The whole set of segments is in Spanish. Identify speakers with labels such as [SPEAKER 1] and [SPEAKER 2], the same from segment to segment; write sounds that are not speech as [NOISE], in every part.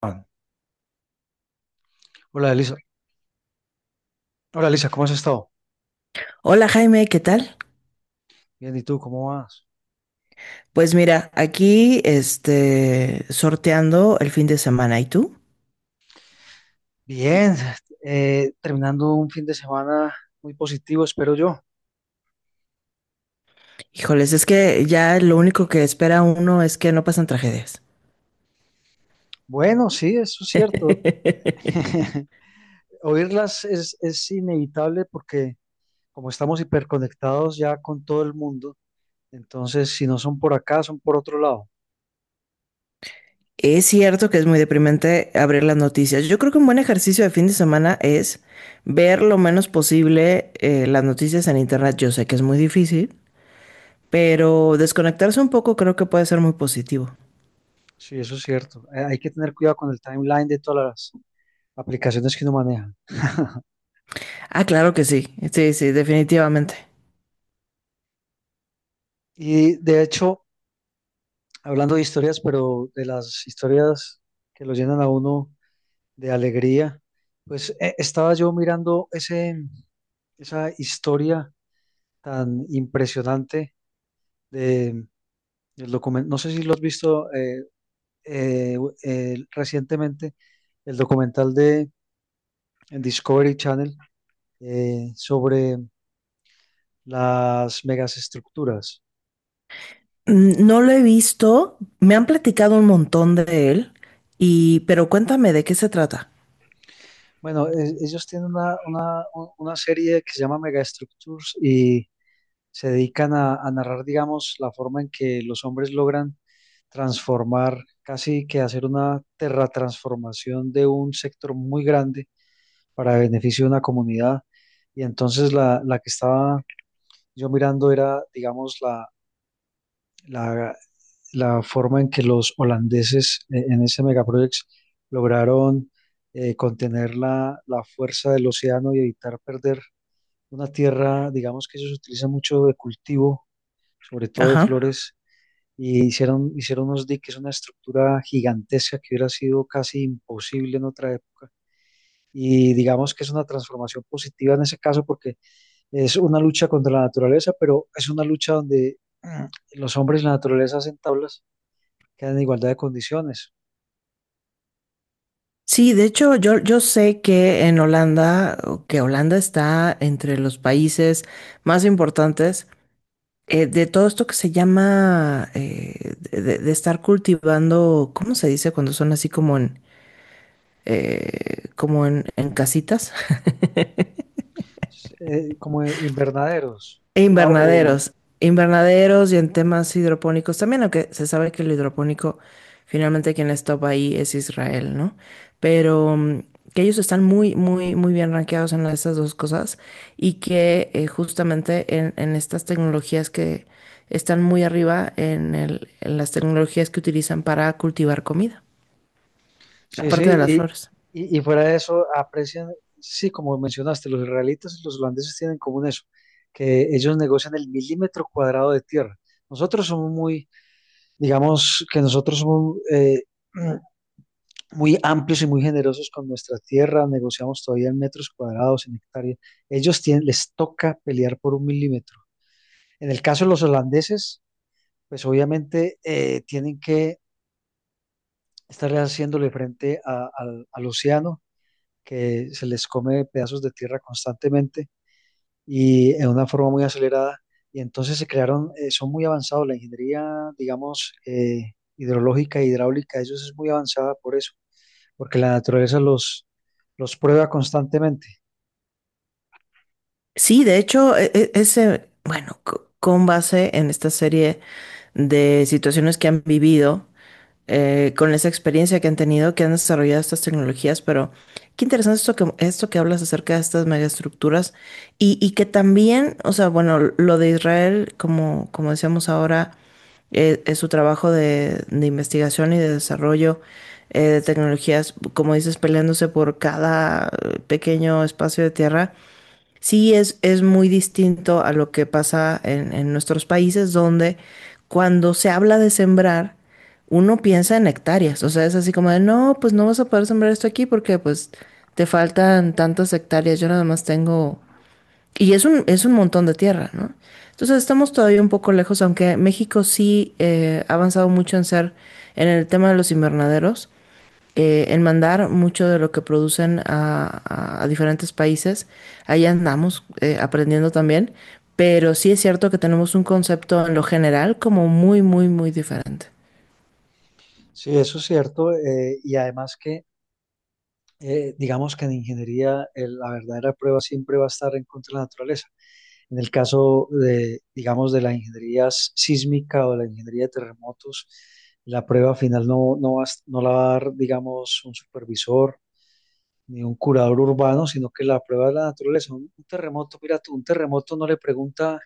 [SPEAKER 1] Juan. Hola, Elisa. Hola, Elisa, ¿cómo has estado?
[SPEAKER 2] Hola, Jaime, ¿qué tal?
[SPEAKER 1] Bien, ¿y tú cómo vas?
[SPEAKER 2] Pues mira, aquí sorteando el fin de semana. ¿Y tú?
[SPEAKER 1] Bien, terminando un fin de semana muy positivo, espero yo.
[SPEAKER 2] Híjoles, es que ya lo único que espera uno es que no pasan tragedias.
[SPEAKER 1] Bueno, sí, eso es cierto.
[SPEAKER 2] [LAUGHS]
[SPEAKER 1] [LAUGHS] Oírlas es inevitable porque como estamos hiperconectados ya con todo el mundo, entonces si no son por acá, son por otro lado.
[SPEAKER 2] Es cierto que es muy deprimente abrir las noticias. Yo creo que un buen ejercicio de fin de semana es ver lo menos posible las noticias en internet. Yo sé que es muy difícil, pero desconectarse un poco creo que puede ser muy positivo.
[SPEAKER 1] Sí, eso es cierto. Hay que tener cuidado con el timeline de todas las aplicaciones que uno maneja.
[SPEAKER 2] Ah, claro que sí. Sí, sí, definitivamente.
[SPEAKER 1] Y de hecho, hablando de historias, pero de las historias que lo llenan a uno de alegría. Pues estaba yo mirando esa historia tan impresionante de, del documental, no sé si lo has visto eh, recientemente, el documental de en Discovery Channel sobre las megaestructuras.
[SPEAKER 2] No lo he visto, me han platicado un montón de él, pero cuéntame de qué se trata.
[SPEAKER 1] Bueno, ellos tienen una serie que se llama Megastructures y se dedican a narrar, digamos, la forma en que los hombres logran transformar, casi que hacer una terratransformación de un sector muy grande para beneficio de una comunidad. Y entonces la que estaba yo mirando era, digamos, la, la forma en que los holandeses en ese megaproyecto lograron contener la fuerza del océano y evitar perder una tierra, digamos, que ellos utilizan mucho de cultivo, sobre todo de
[SPEAKER 2] Ajá.
[SPEAKER 1] flores. Y hicieron unos diques, una estructura gigantesca que hubiera sido casi imposible en otra época. Y digamos que es una transformación positiva en ese caso porque es una lucha contra la naturaleza, pero es una lucha donde los hombres y la naturaleza hacen tablas que dan en igualdad de condiciones.
[SPEAKER 2] Sí, de hecho, yo sé que en Holanda, o que Holanda está entre los países más importantes de todo esto que se llama de estar cultivando, ¿cómo se dice cuando son así como en como en casitas?
[SPEAKER 1] Como invernaderos. Ah,
[SPEAKER 2] Invernaderos, invernaderos y en temas hidropónicos también, aunque se sabe que el hidropónico finalmente quien les topa ahí es Israel, ¿no? Pero que ellos están muy, muy, muy bien rankeados en estas dos cosas y que justamente en estas tecnologías que están muy arriba en las tecnologías que utilizan para cultivar comida,
[SPEAKER 1] sí,
[SPEAKER 2] aparte de las
[SPEAKER 1] y,
[SPEAKER 2] flores.
[SPEAKER 1] y, y fuera de eso, aprecian, sí, como mencionaste, los israelitas y los holandeses tienen en común eso, que ellos negocian el milímetro cuadrado de tierra. Nosotros somos muy, digamos que nosotros somos [CLEARS THROAT] muy amplios y muy generosos con nuestra tierra, negociamos todavía en metros cuadrados, en hectáreas. Ellos tienen, les toca pelear por un milímetro. En el caso de los holandeses, pues obviamente tienen que estarle haciéndole frente al al océano que se les come pedazos de tierra constantemente y en una forma muy acelerada. Y entonces se crearon, son muy avanzados, la ingeniería, digamos, hidrológica e hidráulica, ellos es muy avanzada por eso, porque la naturaleza los prueba constantemente.
[SPEAKER 2] Sí, de hecho, bueno, con base en esta serie de situaciones que han vivido, con esa experiencia que han tenido, que han desarrollado estas tecnologías, pero qué interesante esto que hablas acerca de estas megaestructuras y que también, o sea, bueno, lo de Israel, como decíamos ahora, es su trabajo de investigación y de desarrollo de tecnologías, como dices, peleándose por cada pequeño espacio de tierra. Sí, es muy distinto a lo que pasa en, nuestros países donde cuando se habla de sembrar, uno piensa en hectáreas. O sea, es así como de, no, pues no vas a poder sembrar esto aquí porque pues te faltan tantas hectáreas. Yo nada más tengo. Y es un montón de tierra, ¿no? Entonces estamos todavía un poco lejos, aunque México sí ha avanzado mucho en ser, en el tema de los invernaderos en mandar mucho de lo que producen a diferentes países. Ahí andamos aprendiendo también, pero sí es cierto que tenemos un concepto en lo general como muy, muy, muy diferente.
[SPEAKER 1] Sí, eso es cierto. Y además digamos que en ingeniería la verdadera prueba siempre va a estar en contra de la naturaleza. En el caso de, digamos, de la ingeniería sísmica o la ingeniería de terremotos, la prueba final no la va a dar, digamos, un supervisor ni un curador urbano, sino que la prueba de la naturaleza. Un terremoto, mira tú, un terremoto no le pregunta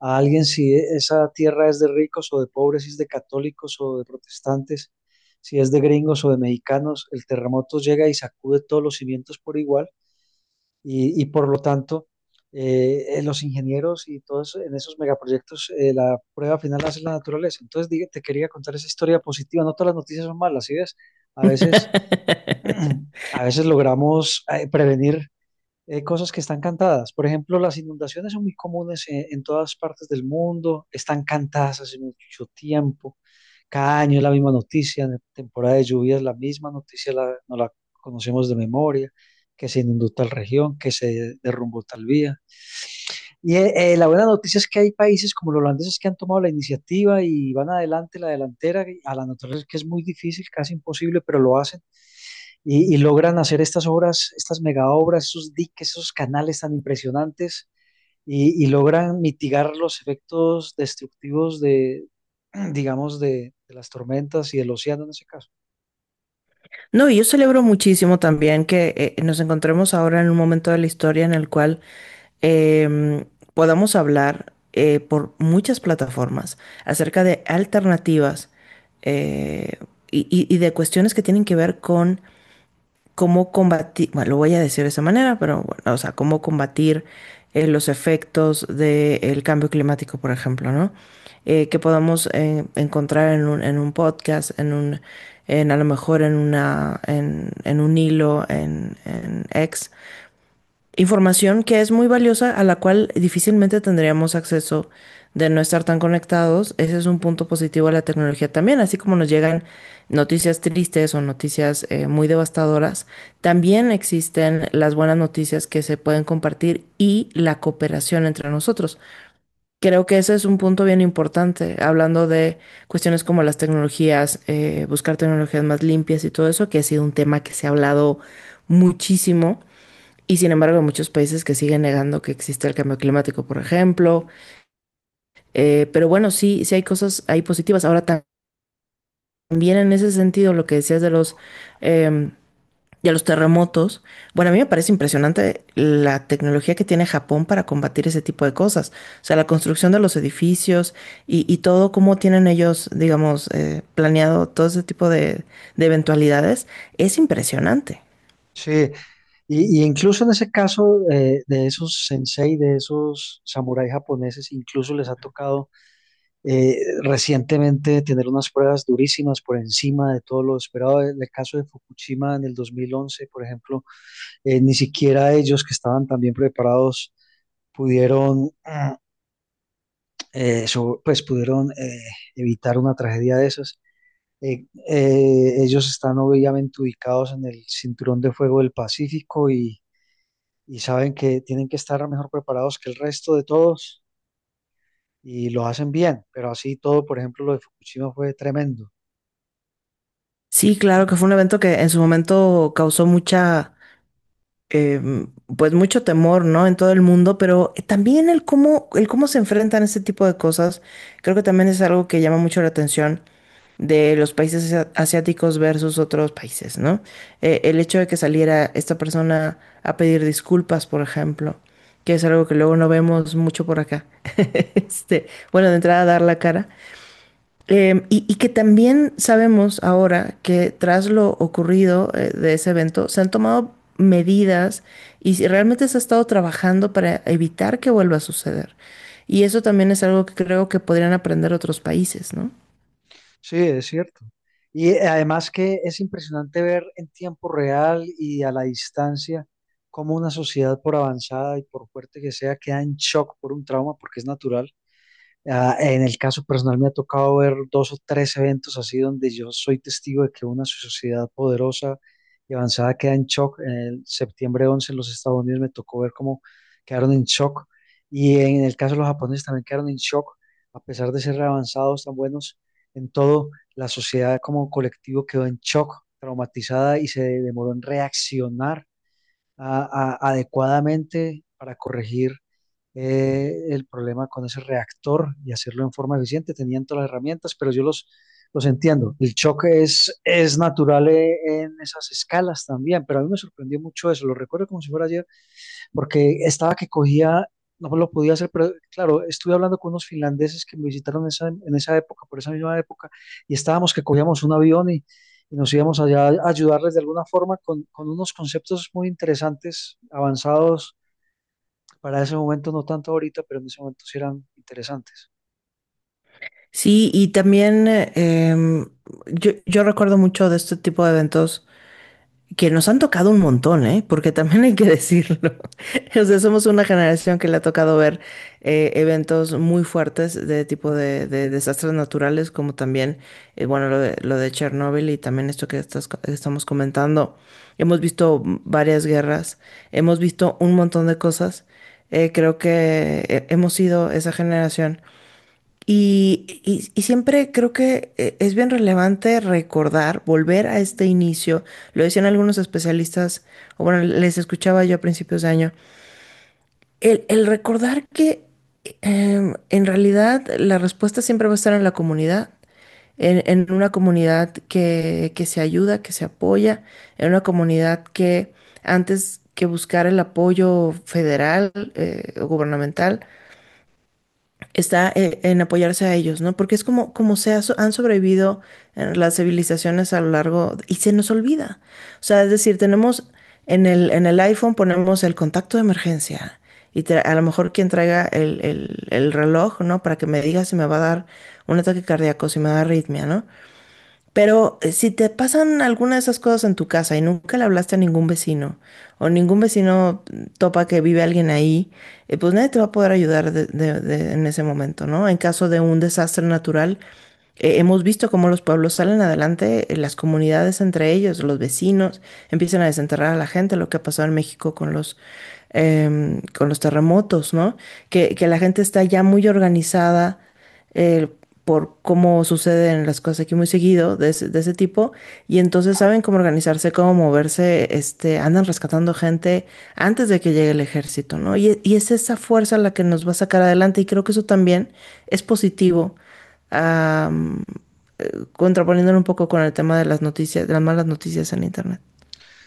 [SPEAKER 1] a alguien si esa tierra es de ricos o de pobres, si es de católicos o de protestantes, si es de gringos o de mexicanos. El terremoto llega y sacude todos los cimientos por igual y por lo tanto, los ingenieros y todos en esos megaproyectos, la prueba final la hace la naturaleza. Entonces, te quería contar esa historia positiva. No todas las noticias son malas, ¿sí ves? A veces, [CLEARS THROAT] a veces logramos prevenir cosas que están cantadas. Por ejemplo, las inundaciones son muy comunes en todas partes del mundo, están cantadas hace mucho tiempo, cada año es la misma noticia, en temporada de lluvias la misma noticia, no la conocemos de memoria, que se inundó tal región, que se derrumbó tal vía. La buena noticia es que hay países como los holandeses que han tomado la iniciativa y van adelante, la delantera, a la naturaleza que es muy difícil, casi imposible, pero lo hacen y logran hacer estas obras, estas mega obras, esos diques, esos canales tan impresionantes y logran mitigar los efectos destructivos [CLEARS THROAT] digamos, de las tormentas y del océano en ese caso.
[SPEAKER 2] No, y yo celebro muchísimo también que nos encontremos ahora en un momento de la historia en el cual em, podamos hablar por muchas plataformas acerca de alternativas eh, y de cuestiones que tienen que ver con cómo combatir, bueno, lo voy a decir de esa manera, pero bueno, o sea, cómo combatir los efectos del cambio climático, por ejemplo, ¿no? Que podamos encontrar en un podcast, en a lo mejor en una, en un hilo, en X, información que es muy valiosa, a la cual difícilmente tendríamos acceso de no estar tan conectados. Ese es un punto positivo de la tecnología también, así como nos llegan noticias tristes o noticias muy devastadoras, también existen las buenas noticias que se pueden compartir y la cooperación entre nosotros. Creo que ese es un punto bien importante, hablando de cuestiones como las tecnologías, buscar tecnologías más limpias y todo eso, que ha sido un tema que se ha hablado muchísimo y sin embargo, hay muchos países que siguen negando que existe el cambio climático, por ejemplo. Pero bueno, sí, sí hay cosas, hay positivas. Ahora también en ese sentido, lo que decías de eh, los terremotos, bueno, a mí me parece impresionante la tecnología que tiene Japón para combatir ese tipo de cosas. O sea, la construcción de los edificios y todo, cómo tienen ellos, digamos, planeado todo ese tipo de eventualidades, es impresionante.
[SPEAKER 1] Sí, y incluso en ese caso de esos sensei, de esos samuráis japoneses, incluso les ha tocado eh, recientemente tener unas pruebas durísimas por encima de todo lo esperado. En el caso de Fukushima en el 2011, por ejemplo, ni siquiera ellos que estaban tan bien preparados pudieron, pues pudieron evitar una tragedia de esas. Ellos están obviamente ubicados en el cinturón de fuego del Pacífico y saben que tienen que estar mejor preparados que el resto de todos y lo hacen bien, pero así todo, por ejemplo, lo de Fukushima fue tremendo.
[SPEAKER 2] Sí, claro que fue un evento que en su momento causó mucha pues mucho temor, ¿no? En todo el mundo, pero también el cómo se enfrentan este tipo de cosas, creo que también es algo que llama mucho la atención de los países asiáticos versus otros países, ¿no? El hecho de que saliera esta persona a pedir disculpas, por ejemplo, que es algo que luego no vemos mucho por acá. [LAUGHS] Bueno, de entrada dar la cara, y que también sabemos ahora que tras lo ocurrido de ese evento se han tomado medidas y si realmente se ha estado trabajando para evitar que vuelva a suceder. Y eso también es algo que creo que podrían aprender otros países, ¿no?
[SPEAKER 1] Sí, es cierto. Y además que es impresionante ver en tiempo real y a la distancia cómo una sociedad, por avanzada y por fuerte que sea, queda en shock por un trauma, porque es natural. Ah, en el caso personal me ha tocado ver dos o tres eventos así donde yo soy testigo de que una sociedad poderosa y avanzada queda en shock. En el septiembre 11 en los Estados Unidos me tocó ver cómo quedaron en shock y en el caso de los japoneses también quedaron en shock, a pesar de ser avanzados, tan buenos en todo, la sociedad como colectivo quedó en shock, traumatizada y se demoró en reaccionar adecuadamente para corregir el problema con ese reactor y hacerlo en forma eficiente. Tenían todas las herramientas, pero yo los entiendo. El choque es natural en esas escalas también, pero a mí me sorprendió mucho eso. Lo recuerdo como si fuera ayer porque estaba que cogía, no lo podía hacer, pero claro, estuve hablando con unos finlandeses que me visitaron en esa época, por esa misma época, y estábamos que cogíamos un avión y nos íbamos allá a ayudarles de alguna forma con unos conceptos muy interesantes, avanzados para ese momento, no tanto ahorita, pero en ese momento sí eran interesantes.
[SPEAKER 2] Sí, y también yo recuerdo mucho de este tipo de eventos que nos han tocado un montón, ¿eh? Porque también hay que decirlo. [LAUGHS] O sea, somos una generación que le ha tocado ver eventos muy fuertes de tipo de desastres naturales, como también, bueno, lo de Chernóbil y también esto que estamos comentando. Hemos visto varias guerras, hemos visto un montón de cosas. Creo que hemos sido esa generación y siempre creo que es bien relevante recordar, volver a este inicio, lo decían algunos especialistas, o bueno, les escuchaba yo a principios de año, el recordar que en realidad la respuesta siempre va a estar en la comunidad, en una comunidad que se ayuda, que se apoya, en una comunidad que antes que buscar el apoyo federal o gubernamental, está en apoyarse a ellos, ¿no? Porque es como se ha han sobrevivido las civilizaciones a lo largo y se nos olvida. O sea, es decir, tenemos en el iPhone ponemos el contacto de emergencia y a lo mejor quien traiga el reloj, ¿no? Para que me diga si me va a dar un ataque cardíaco, si me da arritmia, ¿no? Pero si te pasan alguna de esas cosas en tu casa y nunca le hablaste a ningún vecino o ningún vecino topa que vive alguien ahí, pues nadie te va a poder ayudar en ese momento, ¿no? En caso de un desastre natural, hemos visto cómo los pueblos salen adelante, las comunidades entre ellos, los vecinos, empiezan a desenterrar a la gente, lo que ha pasado en México con los terremotos, ¿no? Que la gente está ya muy organizada eh, por cómo suceden las cosas aquí muy seguido de ese tipo y entonces saben cómo organizarse, cómo moverse, andan rescatando gente antes de que llegue el ejército, ¿no? Y es esa fuerza la que nos va a sacar adelante y creo que eso también es positivo, am, contraponiéndolo un poco con el tema de las noticias, de las malas noticias en internet.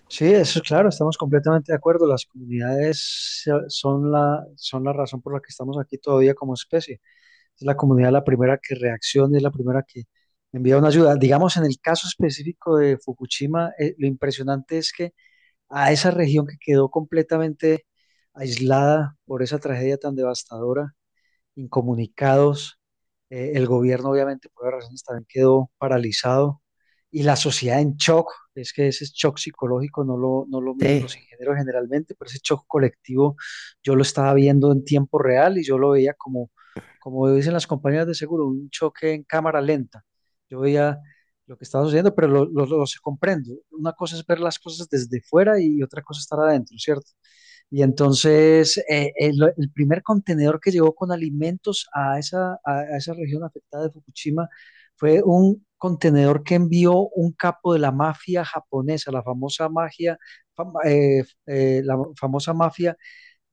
[SPEAKER 1] Sí, eso es claro, estamos completamente de acuerdo. Las comunidades son son la razón por la que estamos aquí todavía como especie. Es la comunidad la primera que reacciona, es la primera que envía una ayuda. Digamos, en el caso específico de Fukushima, lo impresionante es que a esa región que quedó completamente aislada por esa tragedia tan devastadora, incomunicados. El gobierno, obviamente, por varias razones, también quedó paralizado y la sociedad en shock. Es que ese shock psicológico no lo miden
[SPEAKER 2] Sí.
[SPEAKER 1] los ingenieros generalmente, pero ese shock colectivo yo lo estaba viendo en tiempo real y yo lo veía como, como dicen las compañías de seguro, un choque en cámara lenta. Yo veía lo que estaba sucediendo, pero lo comprendo. Una cosa es ver las cosas desde fuera y otra cosa estar adentro, ¿cierto? Y entonces el primer contenedor que llegó con alimentos a esa, a esa región afectada de Fukushima fue un contenedor que envió un capo de la mafia japonesa, la famosa magia, la famosa mafia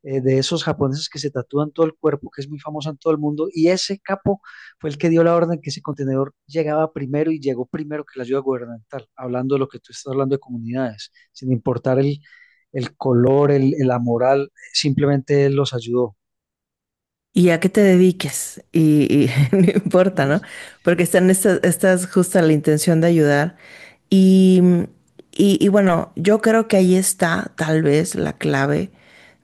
[SPEAKER 1] de esos japoneses que se tatúan todo el cuerpo, que es muy famosa en todo el mundo, y ese capo fue el que dio la orden que ese contenedor llegaba primero y llegó primero que la ayuda gubernamental, hablando de lo que tú estás hablando de comunidades, sin importar el color, la moral, simplemente él los ayudó.
[SPEAKER 2] Y a qué te dediques, y [LAUGHS] no importa, ¿no? Porque están estas justa la intención de ayudar. Y, y bueno, yo creo que ahí está tal vez la clave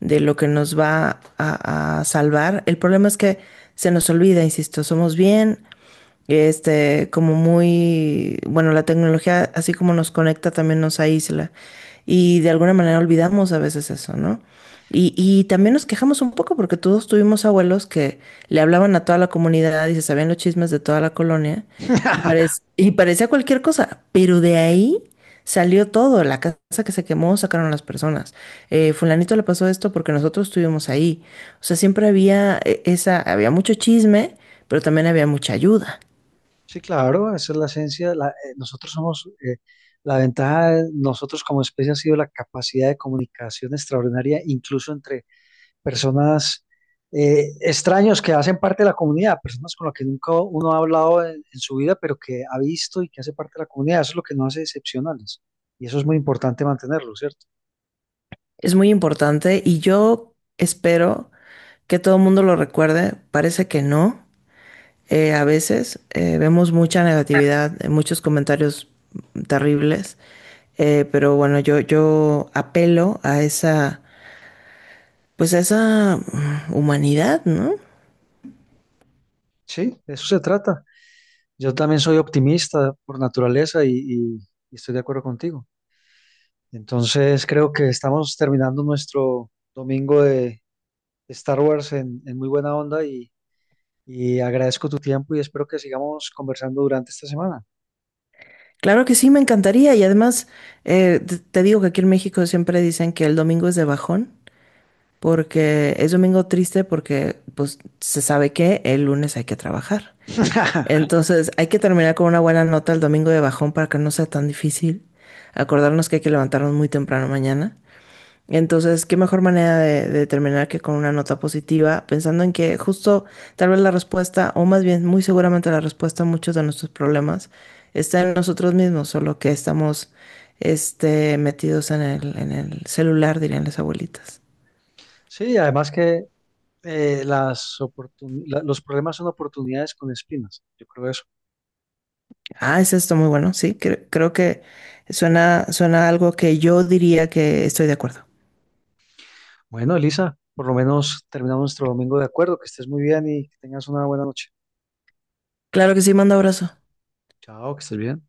[SPEAKER 2] de lo que nos va a salvar. El problema es que se nos olvida, insisto, somos bien, como muy, bueno, la tecnología, así como nos conecta, también nos aísla. Y de alguna manera olvidamos a veces eso, ¿no? Y también nos quejamos un poco porque todos tuvimos abuelos que le hablaban a toda la comunidad y se sabían los chismes de toda la colonia y, parec-
[SPEAKER 1] [LAUGHS]
[SPEAKER 2] y parecía cualquier cosa, pero de ahí salió todo, la casa que se quemó sacaron a las personas, fulanito le pasó esto porque nosotros estuvimos ahí, o sea, siempre había mucho chisme, pero también había mucha ayuda.
[SPEAKER 1] Sí, claro, esa es la esencia. Nosotros somos, la ventaja de nosotros como especie ha sido la capacidad de comunicación extraordinaria, incluso entre personas extraños que hacen parte de la comunidad, personas con las que nunca uno ha hablado en su vida, pero que ha visto y que hace parte de la comunidad. Eso es lo que nos hace excepcionales. Y eso es muy importante mantenerlo, ¿cierto?
[SPEAKER 2] Es muy importante y yo espero que todo el mundo lo recuerde, parece que no. A veces vemos mucha negatividad, muchos comentarios terribles, pero bueno, yo apelo pues a esa humanidad, ¿no?
[SPEAKER 1] Sí, de eso se trata. Yo también soy optimista por naturaleza y estoy de acuerdo contigo. Entonces creo que estamos terminando nuestro domingo de Star Wars en muy buena onda y agradezco tu tiempo y espero que sigamos conversando durante esta semana.
[SPEAKER 2] Claro que sí, me encantaría y además te digo que aquí en México siempre dicen que el domingo es de bajón, porque es domingo triste porque pues se sabe que el lunes hay que trabajar.
[SPEAKER 1] [LAUGHS]
[SPEAKER 2] Entonces, hay que terminar con una buena nota el domingo de bajón para que no sea tan difícil. Acordarnos que hay que levantarnos muy temprano mañana. Entonces, qué mejor manera de terminar que con una nota positiva, pensando en que justo tal vez la respuesta, o más bien muy seguramente la respuesta a muchos de nuestros problemas está en nosotros mismos, solo que estamos metidos en el celular, dirían las abuelitas.
[SPEAKER 1] Sí, además que los problemas son oportunidades con espinas. Yo creo eso.
[SPEAKER 2] Ah, es esto muy bueno, sí, creo que suena algo que yo diría que estoy de acuerdo.
[SPEAKER 1] Bueno, Elisa, por lo menos terminamos nuestro domingo de acuerdo. Que estés muy bien y que tengas una buena noche.
[SPEAKER 2] Claro que sí, manda abrazo.
[SPEAKER 1] Chao, que estés bien.